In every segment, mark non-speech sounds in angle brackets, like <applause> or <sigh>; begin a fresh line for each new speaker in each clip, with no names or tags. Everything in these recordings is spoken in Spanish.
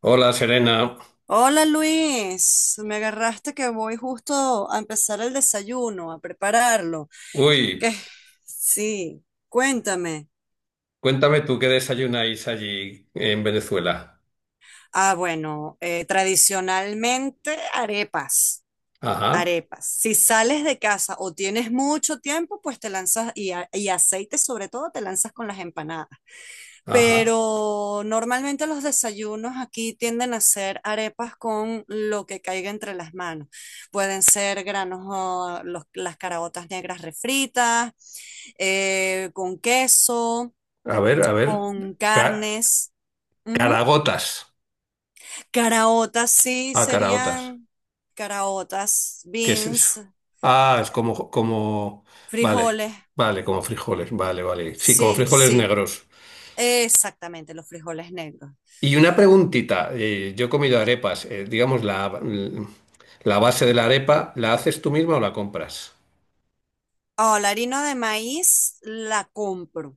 Hola Serena.
Hola Luis, me agarraste que voy justo a empezar el desayuno, a prepararlo.
Uy,
¿Qué? Sí, cuéntame.
cuéntame tú qué desayunáis allí en Venezuela.
Ah, bueno, tradicionalmente arepas,
Ajá,
arepas. Si sales de casa o tienes mucho tiempo, pues te lanzas y aceite sobre todo, te lanzas con las empanadas.
ajá.
Pero normalmente los desayunos aquí tienden a ser arepas con lo que caiga entre las manos. Pueden ser granos, las caraotas negras refritas, con queso,
A ver, a ver.
con
Ca-
carnes. Ujú.
caragotas.
Caraotas sí
Ah, caragotas.
serían caraotas,
¿Qué es eso?
beans,
Ah, es como, como. Vale,
frijoles.
vale, como frijoles. Vale, vale. Sí, como
Sí,
frijoles
sí,
negros.
exactamente, los frijoles negros.
Y una preguntita. Yo he comido arepas. Digamos, la base de la arepa, ¿la haces tú misma o la compras?
Oh, la harina de maíz la compro.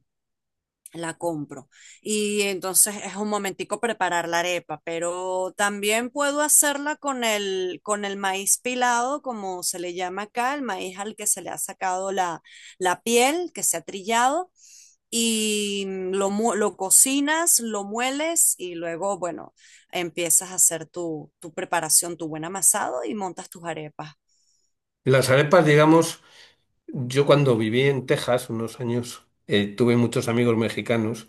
La compro. Y entonces es un momentico preparar la arepa, pero también puedo hacerla con con el maíz pilado, como se le llama acá, el maíz al que se le ha sacado la piel, que se ha trillado, y lo cocinas, lo mueles y luego, bueno, empiezas a hacer tu preparación, tu buen amasado y montas tus arepas.
Las arepas, digamos. Yo cuando viví en Texas unos años, tuve muchos amigos mexicanos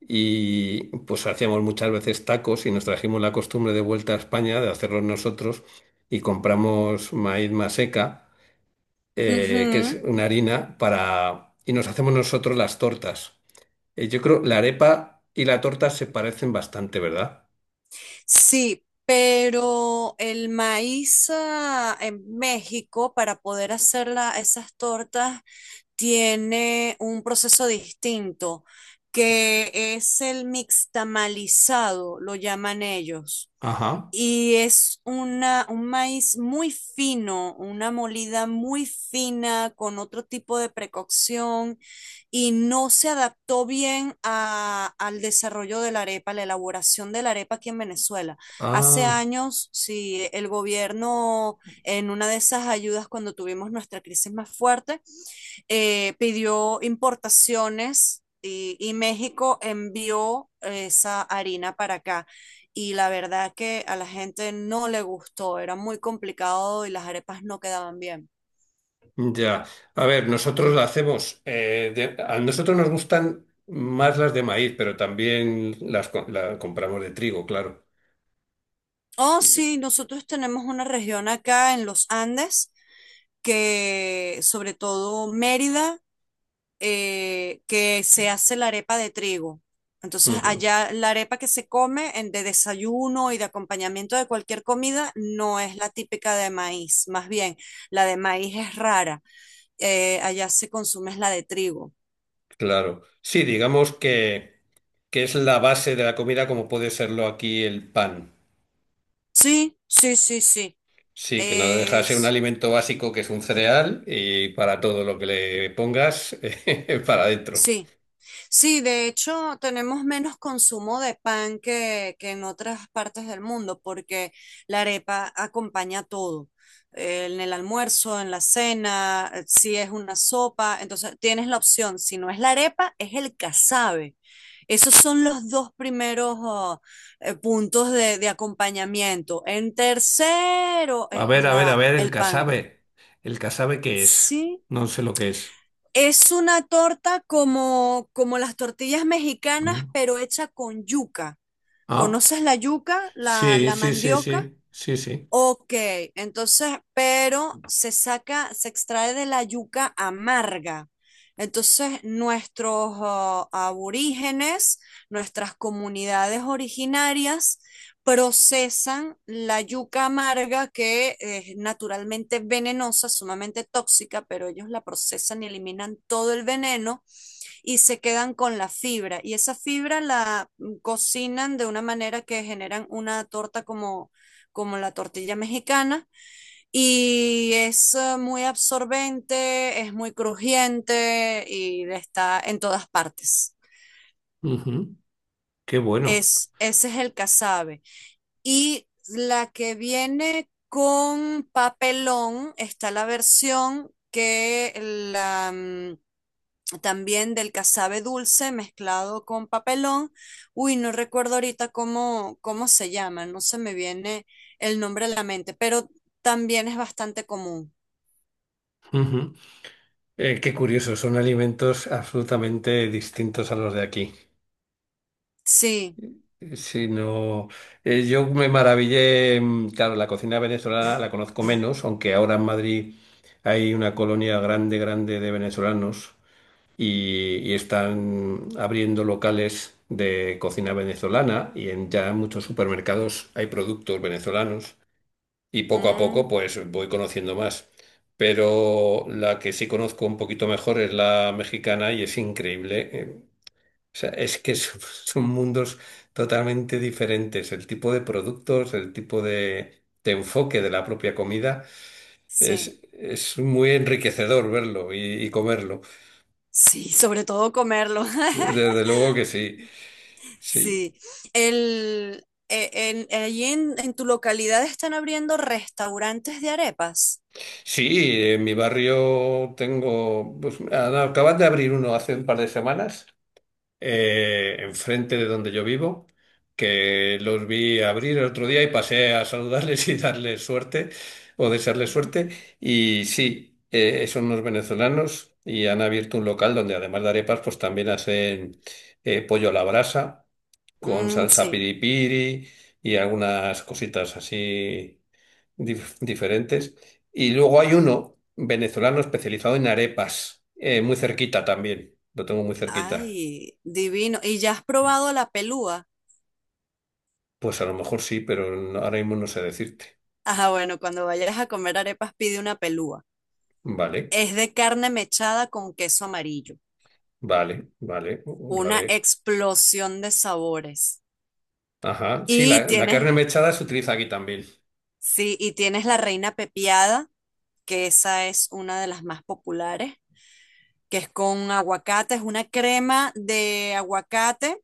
y pues hacíamos muchas veces tacos y nos trajimos la costumbre de vuelta a España de hacerlos nosotros y compramos maíz maseca, que es
Ujú.
una harina, y nos hacemos nosotros las tortas. Yo creo la arepa y la torta se parecen bastante, ¿verdad?
Sí, pero el maíz en México, para poder hacer esas tortas, tiene un proceso distinto, que es el mixtamalizado, lo llaman ellos.
Ajá.
Y es un maíz muy fino, una molida muy fina con otro tipo de precocción y no se adaptó bien al desarrollo de la arepa, la elaboración de la arepa aquí en Venezuela. Hace
Ah.
años, si el gobierno en una de esas ayudas cuando tuvimos nuestra crisis más fuerte, pidió importaciones y México envió esa harina para acá. Y la verdad que a la gente no le gustó, era muy complicado y las arepas no quedaban bien.
Ya, a ver, nosotros la hacemos, a nosotros nos gustan más las de maíz, pero también las la compramos de trigo, claro.
Oh,
Y-
sí, nosotros tenemos una región acá en los Andes que sobre todo Mérida que se hace la arepa de trigo. Entonces,
ujú,
allá la arepa que se come de desayuno y de acompañamiento de cualquier comida no es la típica de maíz, más bien la de maíz es rara. Allá se consume es la de trigo.
claro. Sí, digamos que es la base de la comida como puede serlo aquí el pan.
Sí, sí, sí, sí.
Sí, que no deja de ser un
Es,
alimento básico que es un cereal y para todo lo que le pongas, <laughs> para adentro.
sí. Sí, de hecho, tenemos menos consumo de pan que en otras partes del mundo, porque la arepa acompaña todo. En el almuerzo, en la cena, si es una sopa, entonces tienes la opción. Si no es la arepa, es el casabe. Esos son los dos primeros oh, puntos de acompañamiento. En tercero
A
es
ver, a ver, a ver, el
el pan.
casabe. ¿El casabe qué es?
Sí.
No sé lo que es.
Es una torta como las tortillas mexicanas,
Mm.
pero hecha con yuca.
¿Ah?
¿Conoces la yuca,
Sí,
la
sí, sí,
mandioca?
sí, sí, sí.
Ok, entonces, pero se saca, se extrae de la yuca amarga. Entonces, nuestros aborígenes, nuestras comunidades originarias, procesan la yuca amarga que es naturalmente venenosa, sumamente tóxica, pero ellos la procesan y eliminan todo el veneno y se quedan con la fibra. Y esa fibra la cocinan de una manera que generan una torta como, como la tortilla mexicana y es muy absorbente, es muy crujiente y está en todas partes.
Ujú. Qué bueno.
Es, ese es el casabe. Y la que viene con papelón está la versión que la, mm, también del casabe dulce mezclado con papelón. Uy, no recuerdo ahorita cómo, cómo se llama, no se me viene el nombre a la mente, pero también es bastante común.
Ujú. Qué curioso, son alimentos absolutamente distintos a los de aquí.
Sí,
Si no, yo me maravillé, mm, claro, la cocina venezolana la conozco menos, aunque ahora en Madrid hay una colonia grande, grande de venezolanos y están abriendo locales de cocina venezolana y en ya muchos supermercados hay productos venezolanos. Y poco a poco
mm,
pues voy conociendo más. Pero la que sí conozco un poquito mejor es la mexicana y es increíble. O sea, es que son, <laughs> son mundos totalmente diferentes. El tipo de productos, el tipo de enfoque de la propia comida
sí,
es muy enriquecedor verlo y comerlo.
sí, sobre todo comerlo. <laughs>
Desde luego que sí. Sí,
Sí, allí en tu localidad están abriendo restaurantes de arepas.
sí, en mi barrio tengo, pues, ah, no, acaban de abrir uno hace un par de semanas enfrente de donde yo vivo, que los vi abrir el otro día y pasé a saludarles <laughs> y darles suerte o desearles
Ujú.
suerte. Y sí, son unos venezolanos y han abierto un local donde además de arepas, pues también hacen pollo a la brasa con
Mm,
salsa
sí,
piripiri y algunas cositas así diferentes. Y luego hay uno venezolano especializado en arepas, muy cerquita también. Lo tengo muy cerquita.
ay, divino. ¿Y ya has probado la pelúa?
Pues a lo mejor sí, pero ahora mismo no sé decirte.
Ajá, bueno, cuando vayas a comer arepas, pide una pelúa.
Vale,
Es de carne mechada con queso amarillo.
vale, vale, lo
Una
haré.
explosión de sabores.
Ajá. Sí,
Y
la
tienes,
carne mechada se utiliza aquí también.
sí, y tienes la reina pepiada, que esa es una de las más populares, que es con aguacate, es una crema de aguacate,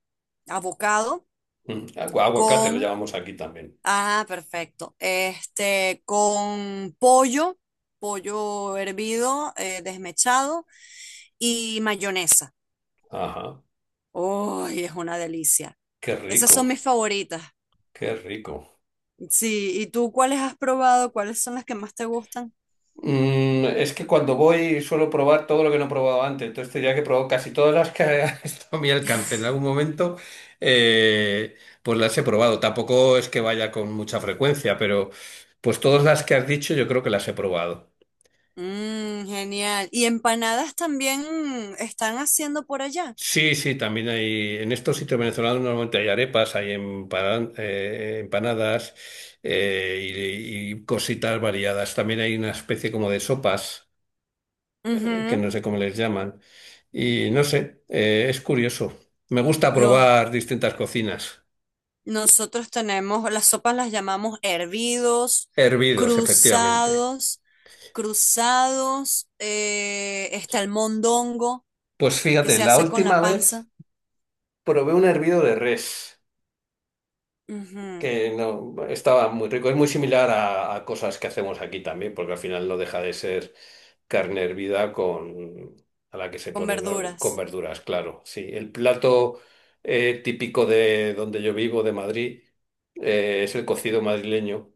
avocado,
Mm, aguacate lo
con,
llamamos aquí también.
ah, perfecto, este, con pollo, pollo hervido, desmechado y mayonesa.
Ajá.
Uy, es una delicia.
Qué
Esas son
rico,
mis favoritas.
qué rico.
Sí, ¿y tú cuáles has probado? ¿Cuáles son las que más te gustan?
Mm, es que cuando voy suelo probar todo lo que no he probado antes, entonces tendría que probar casi todas las que <laughs> han estado a mi alcance en algún momento, eh, pues las he probado. Tampoco es que vaya con mucha frecuencia, pero pues todas las que has dicho yo creo que las he probado.
Mm, genial. ¿Y empanadas también están haciendo por allá?
Sí, sí, también hay, en estos sitios venezolanos normalmente hay arepas, hay empanadas eh, y cositas variadas. También hay una especie como de sopas, que
Ujú.
no sé cómo les llaman. Y no sé, es curioso. Me gusta
Los,
probar distintas cocinas.
nosotros tenemos, las sopas las llamamos hervidos,
Hervidos, efectivamente.
cruzados, cruzados, está el mondongo
Pues
que
fíjate,
se
la
hace con la
última
panza,
vez probé un hervido de res.
ujú,
Que no, estaba muy rico. Es muy similar a cosas que hacemos aquí también, porque al final no deja de ser carne hervida con, a la que se
con
pone ¿no? con
verduras.
verduras, claro. Sí, el plato típico de donde yo vivo, de Madrid, es el cocido madrileño,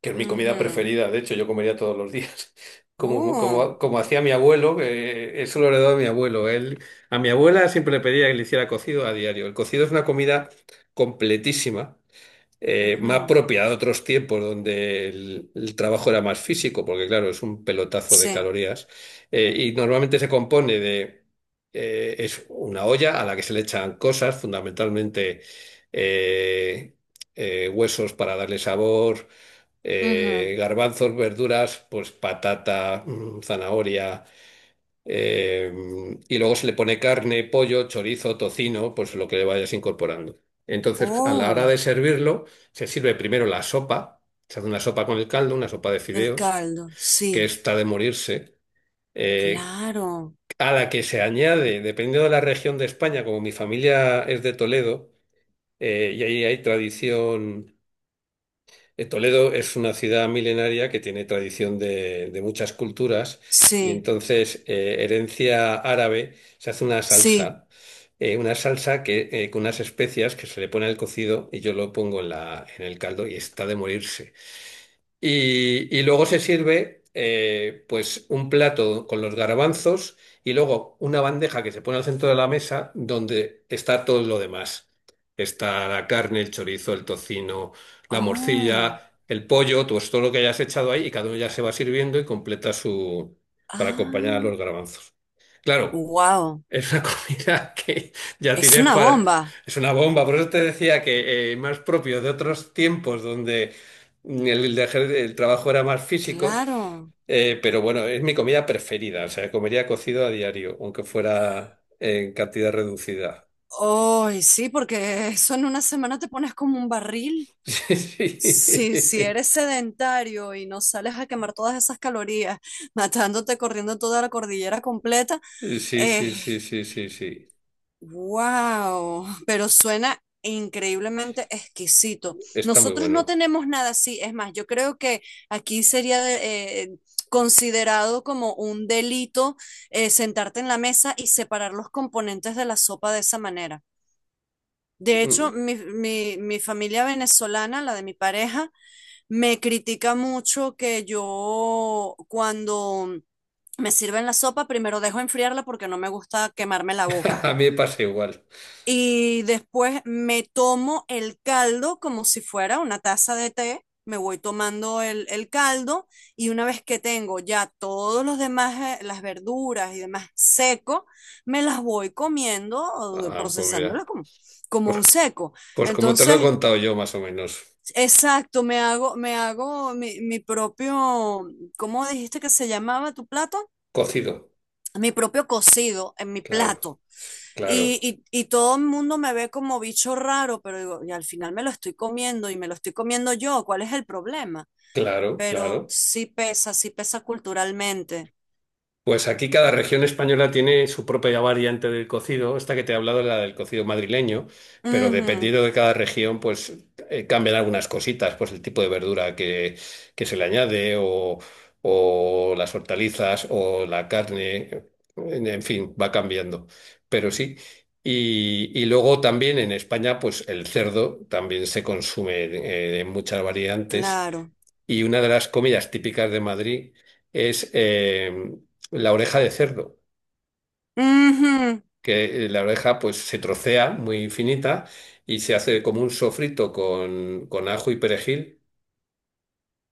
que es mi comida
Ujú.
preferida. De hecho, yo comería todos los días. <laughs> Como,
Uh,
como, como hacía mi abuelo, que eso lo heredó a mi abuelo. Él, a mi abuela siempre le pedía que le hiciera cocido a diario. El cocido es una comida completísima más
ujú,
propia de otros tiempos donde el trabajo era más físico, porque claro, es un pelotazo de
sí.
calorías, y normalmente se compone de, es una olla a la que se le echan cosas, fundamentalmente eh, huesos para darle sabor,
Ujú.
garbanzos, verduras, pues patata, mm, zanahoria. Eh, y luego se le pone carne, pollo, chorizo, tocino, pues lo que le vayas incorporando. Entonces, a la hora
Oh,
de servirlo, se sirve primero la sopa, se hace una sopa con el caldo, una sopa de
el
fideos,
caldo,
que
sí,
está de morirse, eh,
claro,
a la que se añade, dependiendo de la región de España, como mi familia es de Toledo, y ahí hay tradición Toledo es una ciudad milenaria que tiene tradición de muchas culturas y
sí,
entonces herencia árabe se hace
sí.
una salsa que con unas especias que se le pone al cocido y yo lo pongo en en el caldo y está de morirse. Y luego se sirve pues un plato con los garbanzos y luego una bandeja que se pone al centro de la mesa donde está todo lo demás. Está la carne, el chorizo, el tocino, la
Oh,
morcilla, el pollo, pues todo lo que hayas echado ahí y cada uno ya se va sirviendo y completa su... para acompañar a
ah,
los garbanzos. Claro.
wow,
Es una <laughs> comida que ya
es
tienes
una
para...
bomba,
Es una bomba, por eso te decía que más propio de otros tiempos donde el trabajo era más físico,
claro.
pero bueno, es mi comida preferida, o sea, comería cocido a diario, aunque fuera en cantidad reducida.
Ay, sí, porque eso en una semana te pones como un barril. Sí, si eres
<laughs>
sedentario y no sales a quemar todas esas calorías, <laughs> matándote corriendo toda la cordillera completa,
Sí, sí,
eh,
sí, sí, sí, sí, sí, sí.
wow, pero suena increíblemente exquisito.
Está muy
Nosotros no
bueno.
tenemos nada así, es más, yo creo que aquí sería considerado como un delito sentarte en la mesa y separar los componentes de la sopa de esa manera. De hecho,
Mm.
mi familia venezolana, la de mi pareja, me critica mucho que yo cuando me sirven la sopa, primero dejo enfriarla porque no me gusta quemarme la
<laughs>
boca.
A mí me pasa igual.
Y después me tomo el caldo como si fuera una taza de té. Me voy tomando el caldo y una vez que tengo ya todos los demás, las verduras y demás seco, me las voy comiendo,
Ah, pues mira,
procesándolas como, como
pues
un seco.
pues como te lo he
Entonces,
contado yo más o menos,
exacto, me hago mi propio, ¿cómo dijiste que se llamaba tu plato?
cocido,
Mi propio cocido en mi
claro.
plato.
Claro.
Y todo el mundo me ve como bicho raro, pero digo, y al final me lo estoy comiendo y me lo estoy comiendo yo, ¿cuál es el problema?
Claro,
Pero
claro.
sí pesa culturalmente.
Pues aquí cada región española tiene su propia variante del cocido. Esta que te he hablado es la del cocido madrileño, pero
Ujú,
dependiendo de cada región, pues cambian algunas cositas, pues el tipo de verdura que se le añade o las hortalizas o la carne, en fin, va cambiando. Pero sí. Y luego también en España, pues el cerdo también se consume en muchas variantes.
claro.
Y una de las comidas típicas de Madrid es la oreja de cerdo,
Ujú.
que la oreja pues se trocea muy finita y se hace como un sofrito con ajo y perejil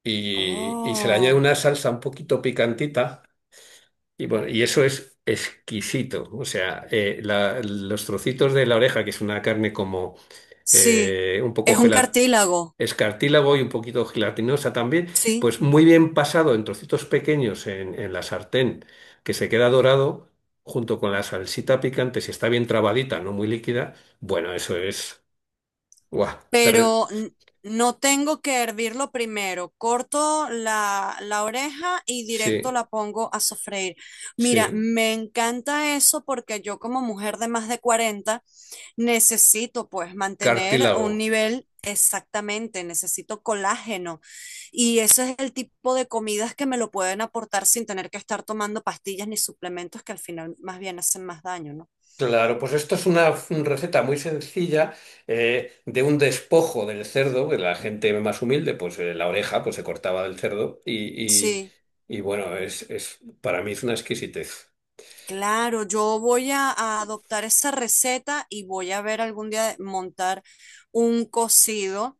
y se le añade
Oh,
una salsa un poquito picantita y bueno, y eso es exquisito. O sea, los trocitos de la oreja, que es una carne como
sí,
un poco
es un
gelat
cartílago,
escartílago y un poquito gelatinosa también,
sí.
pues muy bien pasado en trocitos pequeños en la sartén, que se queda dorado junto con la salsita picante, si está bien trabadita, no muy líquida, bueno, eso es, guau, derre-
pero n- no tengo que hervirlo primero. Corto la oreja y
sí,
directo la pongo a sofreír. Mira,
sí,
me encanta eso porque yo como mujer de más de 40 necesito pues mantener un
cartílago.
nivel. Exactamente, necesito colágeno y ese es el tipo de comidas que me lo pueden aportar sin tener que estar tomando pastillas ni suplementos que al final más bien hacen más daño, ¿no?
Claro, pues esto es una receta muy sencilla de un despojo del cerdo, que la gente más humilde, pues la oreja pues se cortaba del cerdo
Sí.
y, bueno, es, para mí es una exquisitez.
Claro, yo voy a adoptar esa receta y voy a ver algún día montar un cocido,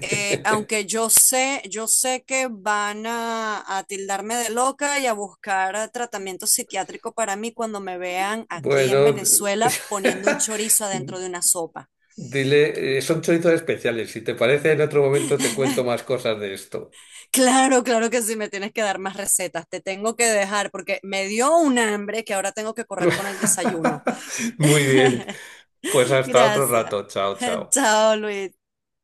aunque yo sé que van a tildarme de loca y a buscar tratamiento psiquiátrico para mí cuando me vean aquí en
Bueno,
Venezuela poniendo un
<laughs>
chorizo adentro de una sopa.
dile, son chorizos especiales, si te parece en otro momento te cuento más cosas de esto.
<laughs> Claro, claro que sí, me tienes que dar más recetas, te tengo que dejar porque me dio un hambre que ahora tengo que correr con el desayuno.
<laughs> Muy
<laughs>
bien, pues hasta otro
Gracias.
rato, chao,
<laughs>
chao.
Chao, Luis.